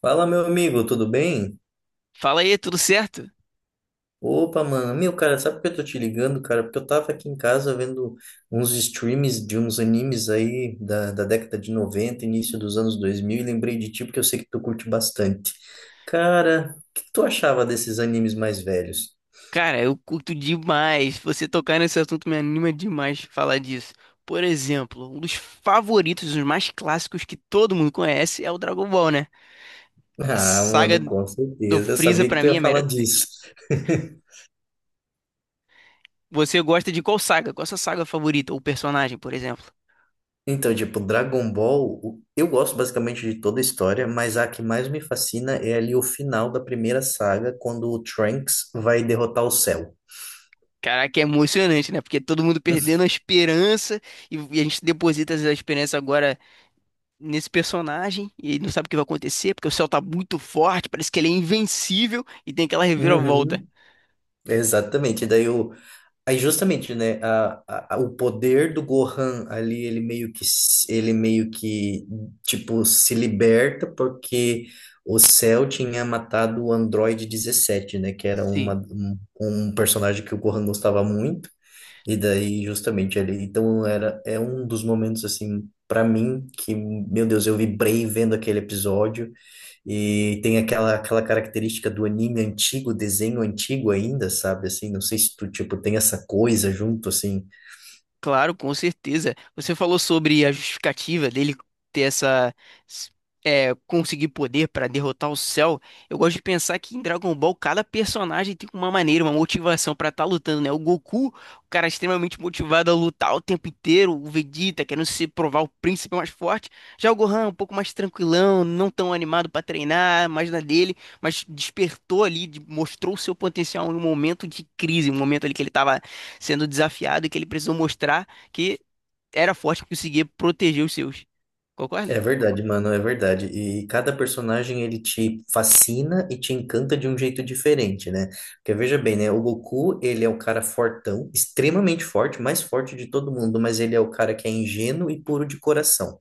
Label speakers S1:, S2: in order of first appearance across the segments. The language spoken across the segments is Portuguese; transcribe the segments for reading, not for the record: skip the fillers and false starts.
S1: Fala, meu amigo, tudo bem?
S2: Fala aí, tudo certo?
S1: Opa, mano, meu cara, sabe que eu tô te ligando, cara? Porque eu tava aqui em casa vendo uns streams de uns animes aí da década de 90, início dos anos 2000 e lembrei de ti porque eu sei que tu curte bastante. Cara, o que tu achava desses animes mais velhos?
S2: Cara, eu curto demais. Você tocar nesse assunto me anima demais falar disso. Por exemplo, um dos favoritos, os mais clássicos que todo mundo conhece é o Dragon Ball, né? A
S1: Ah,
S2: saga
S1: mano, com
S2: do
S1: certeza, eu
S2: Freeza
S1: sabia que
S2: pra
S1: tu
S2: mim
S1: ia
S2: é a
S1: falar
S2: melhor que tem.
S1: disso.
S2: Você gosta de qual saga? Qual a sua saga favorita ou personagem, por exemplo?
S1: Então, tipo, Dragon Ball, eu gosto basicamente de toda a história, mas a que mais me fascina é ali o final da primeira saga, quando o Trunks vai derrotar o Cell.
S2: Caraca, é emocionante, né? Porque todo mundo perdendo a esperança e a gente deposita essa esperança agora nesse personagem e ele não sabe o que vai acontecer, porque o céu tá muito forte, parece que ele é invencível e tem aquela reviravolta.
S1: Uhum, exatamente. Aí justamente, né, o poder do Gohan ali, ele meio que tipo se liberta porque o Cell tinha matado o Android 17, né, que era uma,
S2: Sim.
S1: um, um personagem que o Gohan gostava muito. E daí, justamente ali, então é um dos momentos, assim, para mim, que, meu Deus, eu vibrei vendo aquele episódio, e tem aquela característica do anime antigo, desenho antigo ainda, sabe, assim, não sei se tu, tipo, tem essa coisa junto, assim.
S2: Claro, com certeza. Você falou sobre a justificativa dele ter essa. s- conseguir poder para derrotar o Cell. Eu gosto de pensar que em Dragon Ball cada personagem tem uma maneira, uma motivação para estar lutando, né? O Goku, o cara extremamente motivado a lutar o tempo inteiro. O Vegeta querendo se provar o príncipe mais forte. Já o Gohan, um pouco mais tranquilão, não tão animado para treinar, mais na dele, mas despertou ali, mostrou o seu potencial em um momento de crise, um momento ali que ele estava sendo desafiado e que ele precisou mostrar que era forte, que conseguia proteger os seus. Concorda?
S1: É verdade, mano, é verdade, e cada personagem, ele te fascina e te encanta de um jeito diferente, né? Porque veja bem, né, o Goku, ele é o cara fortão, extremamente forte, mais forte de todo mundo, mas ele é o cara que é ingênuo e puro de coração.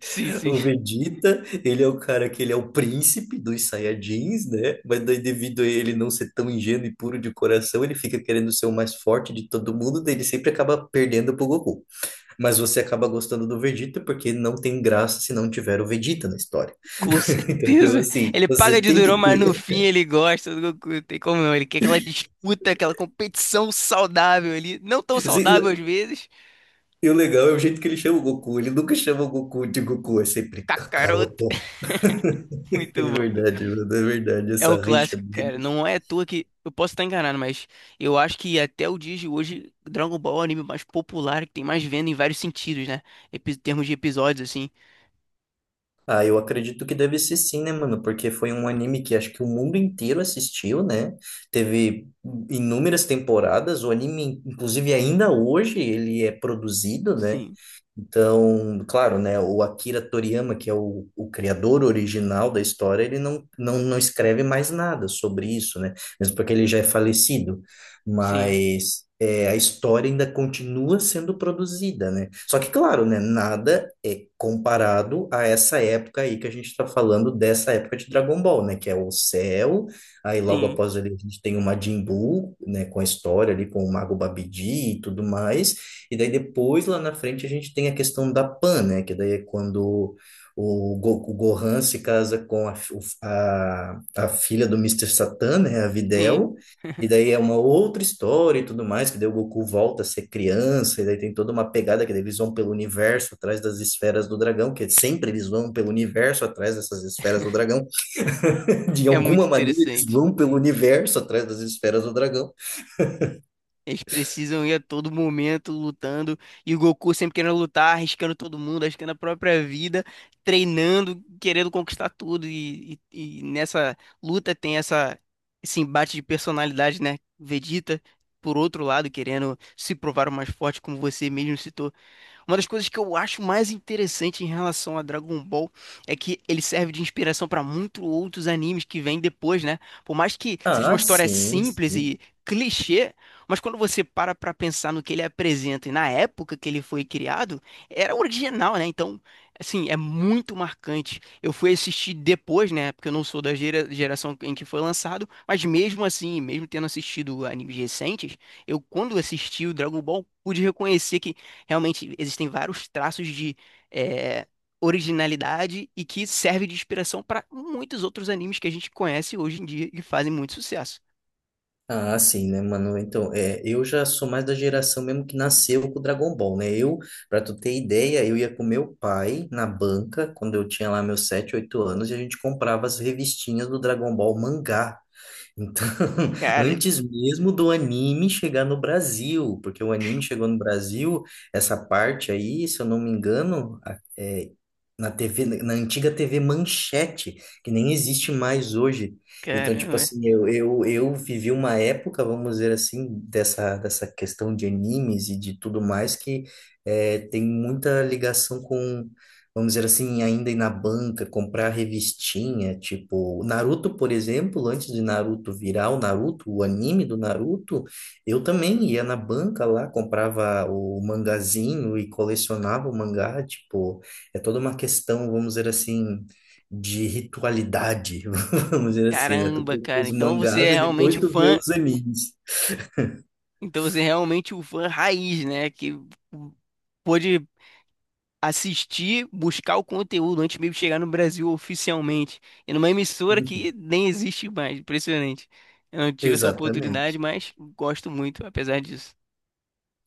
S2: Sim, sim,
S1: O Vegeta, ele é o cara que ele é o príncipe dos Saiyajins, né? Mas daí, devido a ele não ser tão ingênuo e puro de coração, ele fica querendo ser o mais forte de todo mundo, daí ele sempre acaba perdendo pro Goku. Mas você acaba gostando do Vegeta porque não tem graça se não tiver o Vegeta na história.
S2: com
S1: Então, tipo
S2: certeza.
S1: assim,
S2: Ele
S1: você
S2: paga de
S1: tem que
S2: durão, mas no
S1: ter.
S2: fim ele gosta do Goku, não tem como não. Ele quer aquela disputa, aquela competição saudável ali, não tão
S1: assim,
S2: saudável às vezes.
S1: E o legal é o jeito que ele chama o Goku. Ele nunca chama o Goku de Goku, é sempre
S2: Kakaroto,
S1: Kakaroto. É
S2: muito bom, cara.
S1: verdade, mano, é verdade,
S2: É o
S1: essa rixa
S2: clássico, cara.
S1: deles.
S2: Não é à toa que eu posso estar enganado, mas eu acho que até o dia de hoje Dragon Ball é o anime mais popular que tem mais venda em vários sentidos, né? Em termos de episódios assim.
S1: Ah, eu acredito que deve ser sim, né, mano? Porque foi um anime que acho que o mundo inteiro assistiu, né? Teve inúmeras temporadas. O anime, inclusive, ainda hoje ele é produzido, né?
S2: Sim,
S1: Então, claro, né, o Akira Toriyama, que é o criador original da história, ele não escreve mais nada sobre isso, né? Mesmo porque ele já é falecido.
S2: sim.
S1: Mas é, a história ainda continua sendo produzida, né? Só que, claro, né, nada é comparado a essa época aí que a gente está falando dessa época de Dragon Ball, né? Que é o céu, aí logo
S2: Sim,
S1: após ele a gente tem o Majin Buu, né, com a história ali com o Mago Babidi e tudo mais. E daí depois, lá na frente, a gente tem a questão da Pan, né? Que daí é quando o Gohan se casa com a filha do mister Satan, né? A
S2: sim.
S1: Videl. E daí é uma outra história e tudo mais, que daí o Goku volta a ser criança, e daí tem toda uma pegada que daí eles vão pelo universo atrás das esferas do dragão, que sempre eles vão pelo universo atrás dessas esferas do dragão. De
S2: É muito
S1: alguma maneira, eles
S2: interessante.
S1: vão pelo universo atrás das esferas do dragão.
S2: Eles precisam ir a todo momento lutando. E o Goku sempre querendo lutar, arriscando todo mundo, arriscando a própria vida, treinando, querendo conquistar tudo. E nessa luta tem esse embate de personalidade, né? Vegeta, por outro lado, querendo se provar o mais forte, como você mesmo citou. Uma das coisas que eu acho mais interessante em relação a Dragon Ball é que ele serve de inspiração para muitos outros animes que vêm depois, né? Por mais que seja uma
S1: Ah,
S2: história
S1: sim,
S2: simples
S1: sim.
S2: e clichê, mas quando você para pensar no que ele apresenta e na época que ele foi criado, era original, né? Então, assim, é muito marcante. Eu fui assistir depois, né? Porque eu não sou da geração em que foi lançado, mas mesmo assim, mesmo tendo assistido animes recentes, eu quando assisti o Dragon Ball pude reconhecer que realmente existem vários traços de é, originalidade e que serve de inspiração para muitos outros animes que a gente conhece hoje em dia e fazem muito sucesso.
S1: Ah, sim, né, mano? Então, é, eu já sou mais da geração mesmo que nasceu com o Dragon Ball, né? Eu, pra tu ter ideia, eu ia com meu pai na banca, quando eu tinha lá meus 7 8 anos, e a gente comprava as revistinhas do Dragon Ball mangá. Então,
S2: Cara,
S1: antes mesmo do anime chegar no Brasil, porque o anime chegou no Brasil, essa parte aí, se eu não me engano, é, na TV, na antiga TV Manchete, que nem existe mais hoje. Então, tipo
S2: caramba,
S1: assim, eu vivi uma época, vamos dizer assim, dessa questão de animes e de tudo mais, que é, tem muita ligação com vamos dizer assim, ainda ir na banca, comprar revistinha, tipo, Naruto, por exemplo, antes de Naruto virar o Naruto, o anime do Naruto, eu também ia na banca lá, comprava o mangazinho e colecionava o mangá, tipo, é toda uma questão, vamos dizer assim, de ritualidade, vamos dizer assim, né? Tu
S2: caramba,
S1: compra
S2: cara.
S1: os
S2: Então você
S1: mangás
S2: é
S1: e depois
S2: realmente o
S1: tu vê
S2: fã,
S1: os animes.
S2: então você é realmente o fã raiz, né? Que pôde assistir, buscar o conteúdo antes mesmo de chegar no Brasil oficialmente. E numa emissora que
S1: Uhum.
S2: nem existe mais, impressionante. Eu não tive essa oportunidade,
S1: Exatamente.
S2: mas gosto muito, apesar disso.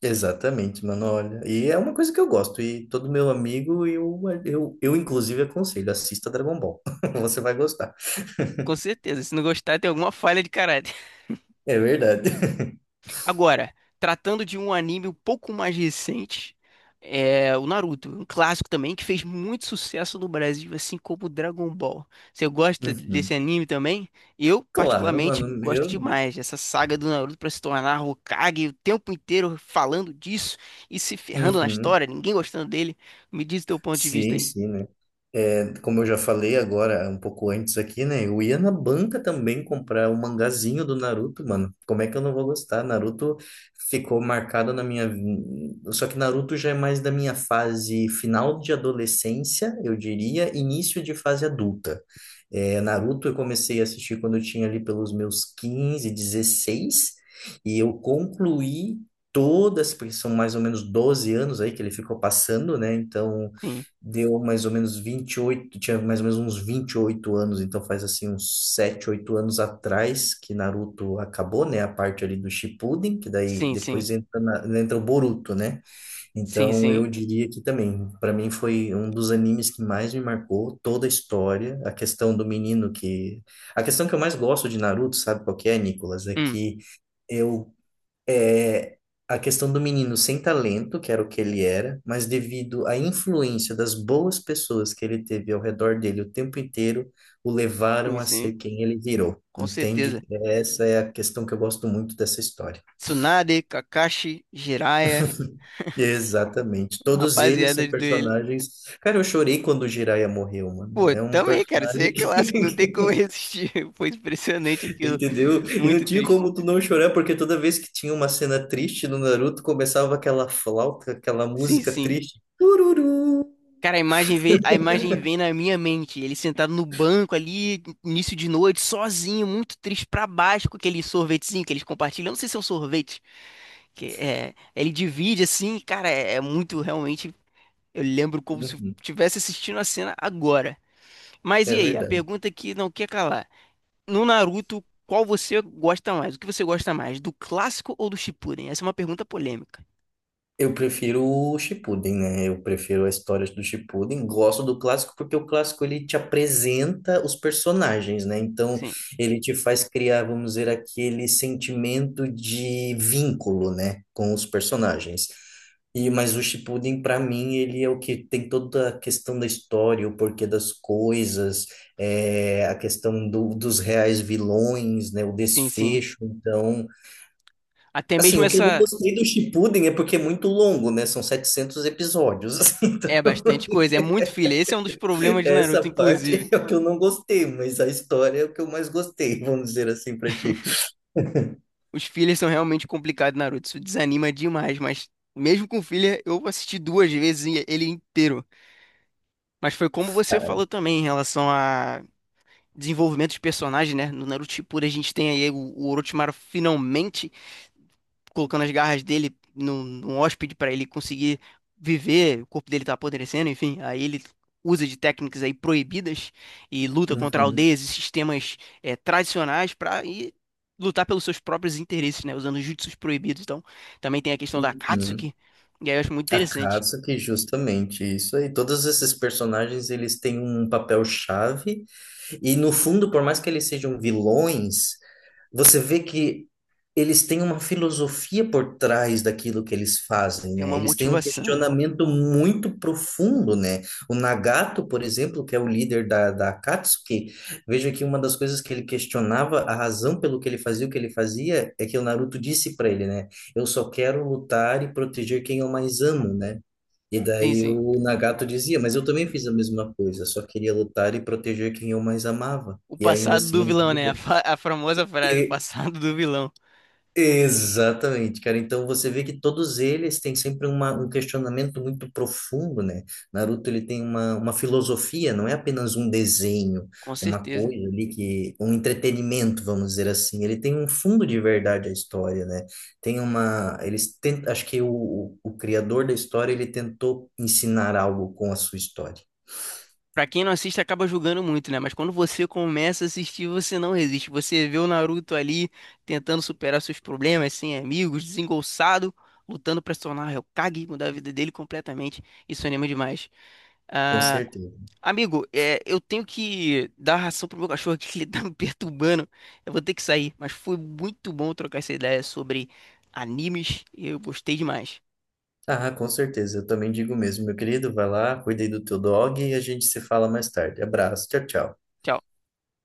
S1: Exatamente, mano, olha. E é uma coisa que eu gosto, e todo meu amigo, eu inclusive aconselho, assista Dragon Ball. Você vai gostar.
S2: Com certeza, se não gostar, tem alguma falha de caráter.
S1: É verdade.
S2: Agora, tratando de um anime um pouco mais recente, é o Naruto, um clássico também que fez muito sucesso no Brasil, assim como o Dragon Ball. Você gosta desse
S1: Uhum.
S2: anime também? Eu,
S1: Claro,
S2: particularmente,
S1: mano,
S2: gosto
S1: meu
S2: demais dessa saga do Naruto para se tornar Hokage, o tempo inteiro falando disso e se ferrando na
S1: Deus.
S2: história, ninguém gostando dele. Me diz o teu ponto de vista
S1: Sim,
S2: aí.
S1: sim, né? É, como eu já falei agora, um pouco antes aqui, né? Eu ia na banca também comprar o mangazinho do Naruto, mano. Como é que eu não vou gostar? Naruto ficou marcado na minha. Só que Naruto já é mais da minha fase final de adolescência, eu diria, início de fase adulta. É, Naruto eu comecei a assistir quando eu tinha ali pelos meus 15 16 e eu concluí. Todas, porque são mais ou menos 12 anos aí que ele ficou passando, né? Então,
S2: Sim,
S1: deu mais ou menos 28 tinha mais ou menos uns 28 anos, então faz assim uns 7 8 anos atrás que Naruto acabou, né? A parte ali do Shippuden, que daí
S2: sim, sim,
S1: depois entra, entra o Boruto, né?
S2: sim,
S1: Então eu
S2: sim.
S1: diria que também, para mim foi um dos animes que mais me marcou toda a história, a questão do menino que... A questão que eu mais gosto de Naruto, sabe qual que é, Nicolas? É
S2: Hum,
S1: que eu é a questão do menino sem talento, que era o que ele era, mas devido à influência das boas pessoas que ele teve ao redor dele o tempo inteiro, o
S2: sim,
S1: levaram a
S2: sim,
S1: ser quem ele virou.
S2: com
S1: Entende?
S2: certeza.
S1: Essa é a questão que eu gosto muito dessa história.
S2: Tsunade, Kakashi, Jiraiya,
S1: Exatamente. Todos eles
S2: rapaziada
S1: são
S2: dele.
S1: personagens. Cara, eu chorei quando o Jiraiya morreu,
S2: Pô,
S1: mano. É um
S2: também, cara, isso aí é
S1: personagem que,
S2: clássico, não tem como resistir. Foi impressionante aquilo.
S1: entendeu? E não
S2: Muito
S1: tinha
S2: triste.
S1: como tu não chorar, porque toda vez que tinha uma cena triste no Naruto, começava aquela flauta, aquela
S2: Sim,
S1: música
S2: sim.
S1: triste. Tururu.
S2: Cara, a imagem vem na minha mente. Ele sentado no banco ali, início de noite, sozinho, muito triste, pra baixo, com aquele sorvetezinho que eles compartilham. Eu não sei se é um sorvete, que é, ele divide assim, cara, é muito realmente. Eu lembro como se eu
S1: Uhum.
S2: estivesse assistindo a cena agora. Mas
S1: É
S2: e aí? A
S1: verdade.
S2: pergunta que não quer calar. No Naruto, qual você gosta mais? O que você gosta mais, do clássico ou do Shippuden? Essa é uma pergunta polêmica.
S1: Eu prefiro o Shippuden, né? Eu prefiro a história do Shippuden. Gosto do clássico porque o clássico ele te apresenta os personagens, né? Então
S2: Sim,
S1: ele te faz criar, vamos dizer, aquele sentimento de vínculo, né, com os personagens. E mas o Shippuden para mim ele é o que tem toda a questão da história, o porquê das coisas, é, a questão dos reais vilões, né? O
S2: sim, sim.
S1: desfecho. Então
S2: Até
S1: assim,
S2: mesmo
S1: o que eu não
S2: essa
S1: gostei do Shippuden é porque é muito longo, né? São 700 episódios. Assim,
S2: é
S1: então,
S2: bastante coisa, é muito filler. Esse é um dos problemas de
S1: essa
S2: Naruto, inclusive.
S1: parte é o que eu não gostei, mas a história é o que eu mais gostei, vamos dizer assim, pra ti.
S2: Os fillers são realmente complicados, Naruto. Isso desanima demais, mas mesmo com filler, eu assisti duas vezes ele inteiro. Mas foi como você falou também em relação a desenvolvimento de personagem, né? No Naruto Shippuden a gente tem aí o Orochimaru finalmente colocando as garras dele num hóspede para ele conseguir viver, o corpo dele tá apodrecendo, enfim, aí ele usa de técnicas aí proibidas e luta contra
S1: Uhum,
S2: aldeias e sistemas tradicionais para ir lutar pelos seus próprios interesses, né, usando jutsus proibidos. Então, também tem a questão da
S1: uhum.
S2: Katsuki, e aí eu acho muito
S1: A
S2: interessante,
S1: Katsuki, justamente, isso aí. Todos esses personagens, eles têm um papel-chave. E no fundo, por mais que eles sejam vilões, você vê que eles têm uma filosofia por trás daquilo que eles fazem,
S2: tem
S1: né?
S2: uma
S1: Eles têm um
S2: motivação.
S1: questionamento muito profundo, né? O Nagato, por exemplo, que é o líder da Akatsuki, veja que uma das coisas que ele questionava, a razão pelo que ele fazia o que ele fazia, é que o Naruto disse para ele, né? Eu só quero lutar e proteger quem eu mais amo, né? E
S2: Sim,
S1: daí
S2: sim.
S1: o Nagato dizia, mas eu também fiz a mesma coisa, só queria lutar e proteger quem eu mais amava.
S2: O
S1: E ainda
S2: passado
S1: assim
S2: do
S1: a
S2: vilão, né? A,
S1: vida.
S2: fa- a famosa frase, o
S1: E
S2: passado do vilão.
S1: exatamente, cara. Então você vê que todos eles têm sempre uma, um questionamento muito profundo, né? Naruto ele tem uma filosofia, não é apenas um desenho,
S2: Com
S1: uma
S2: certeza.
S1: coisa ali que, um entretenimento, vamos dizer assim. Ele tem um fundo de verdade à história, né? Tem uma, eles tentam, acho que o criador da história ele tentou ensinar algo com a sua história.
S2: Pra quem não assiste, acaba julgando muito, né? Mas quando você começa a assistir, você não resiste. Você vê o Naruto ali tentando superar seus problemas, sem amigos, desengolçado, lutando pra se tornar o Hokage, mudar a vida dele completamente. Isso anima demais.
S1: Com
S2: Ah,
S1: certeza.
S2: amigo, eu tenho que dar ração pro meu cachorro aqui, que ele tá me perturbando. Eu vou ter que sair, mas foi muito bom trocar essa ideia sobre animes, eu gostei demais.
S1: Ah, com certeza. Eu também digo mesmo, meu querido. Vai lá, cuida aí do teu dog e a gente se fala mais tarde. Abraço. Tchau, tchau.
S2: Tchau.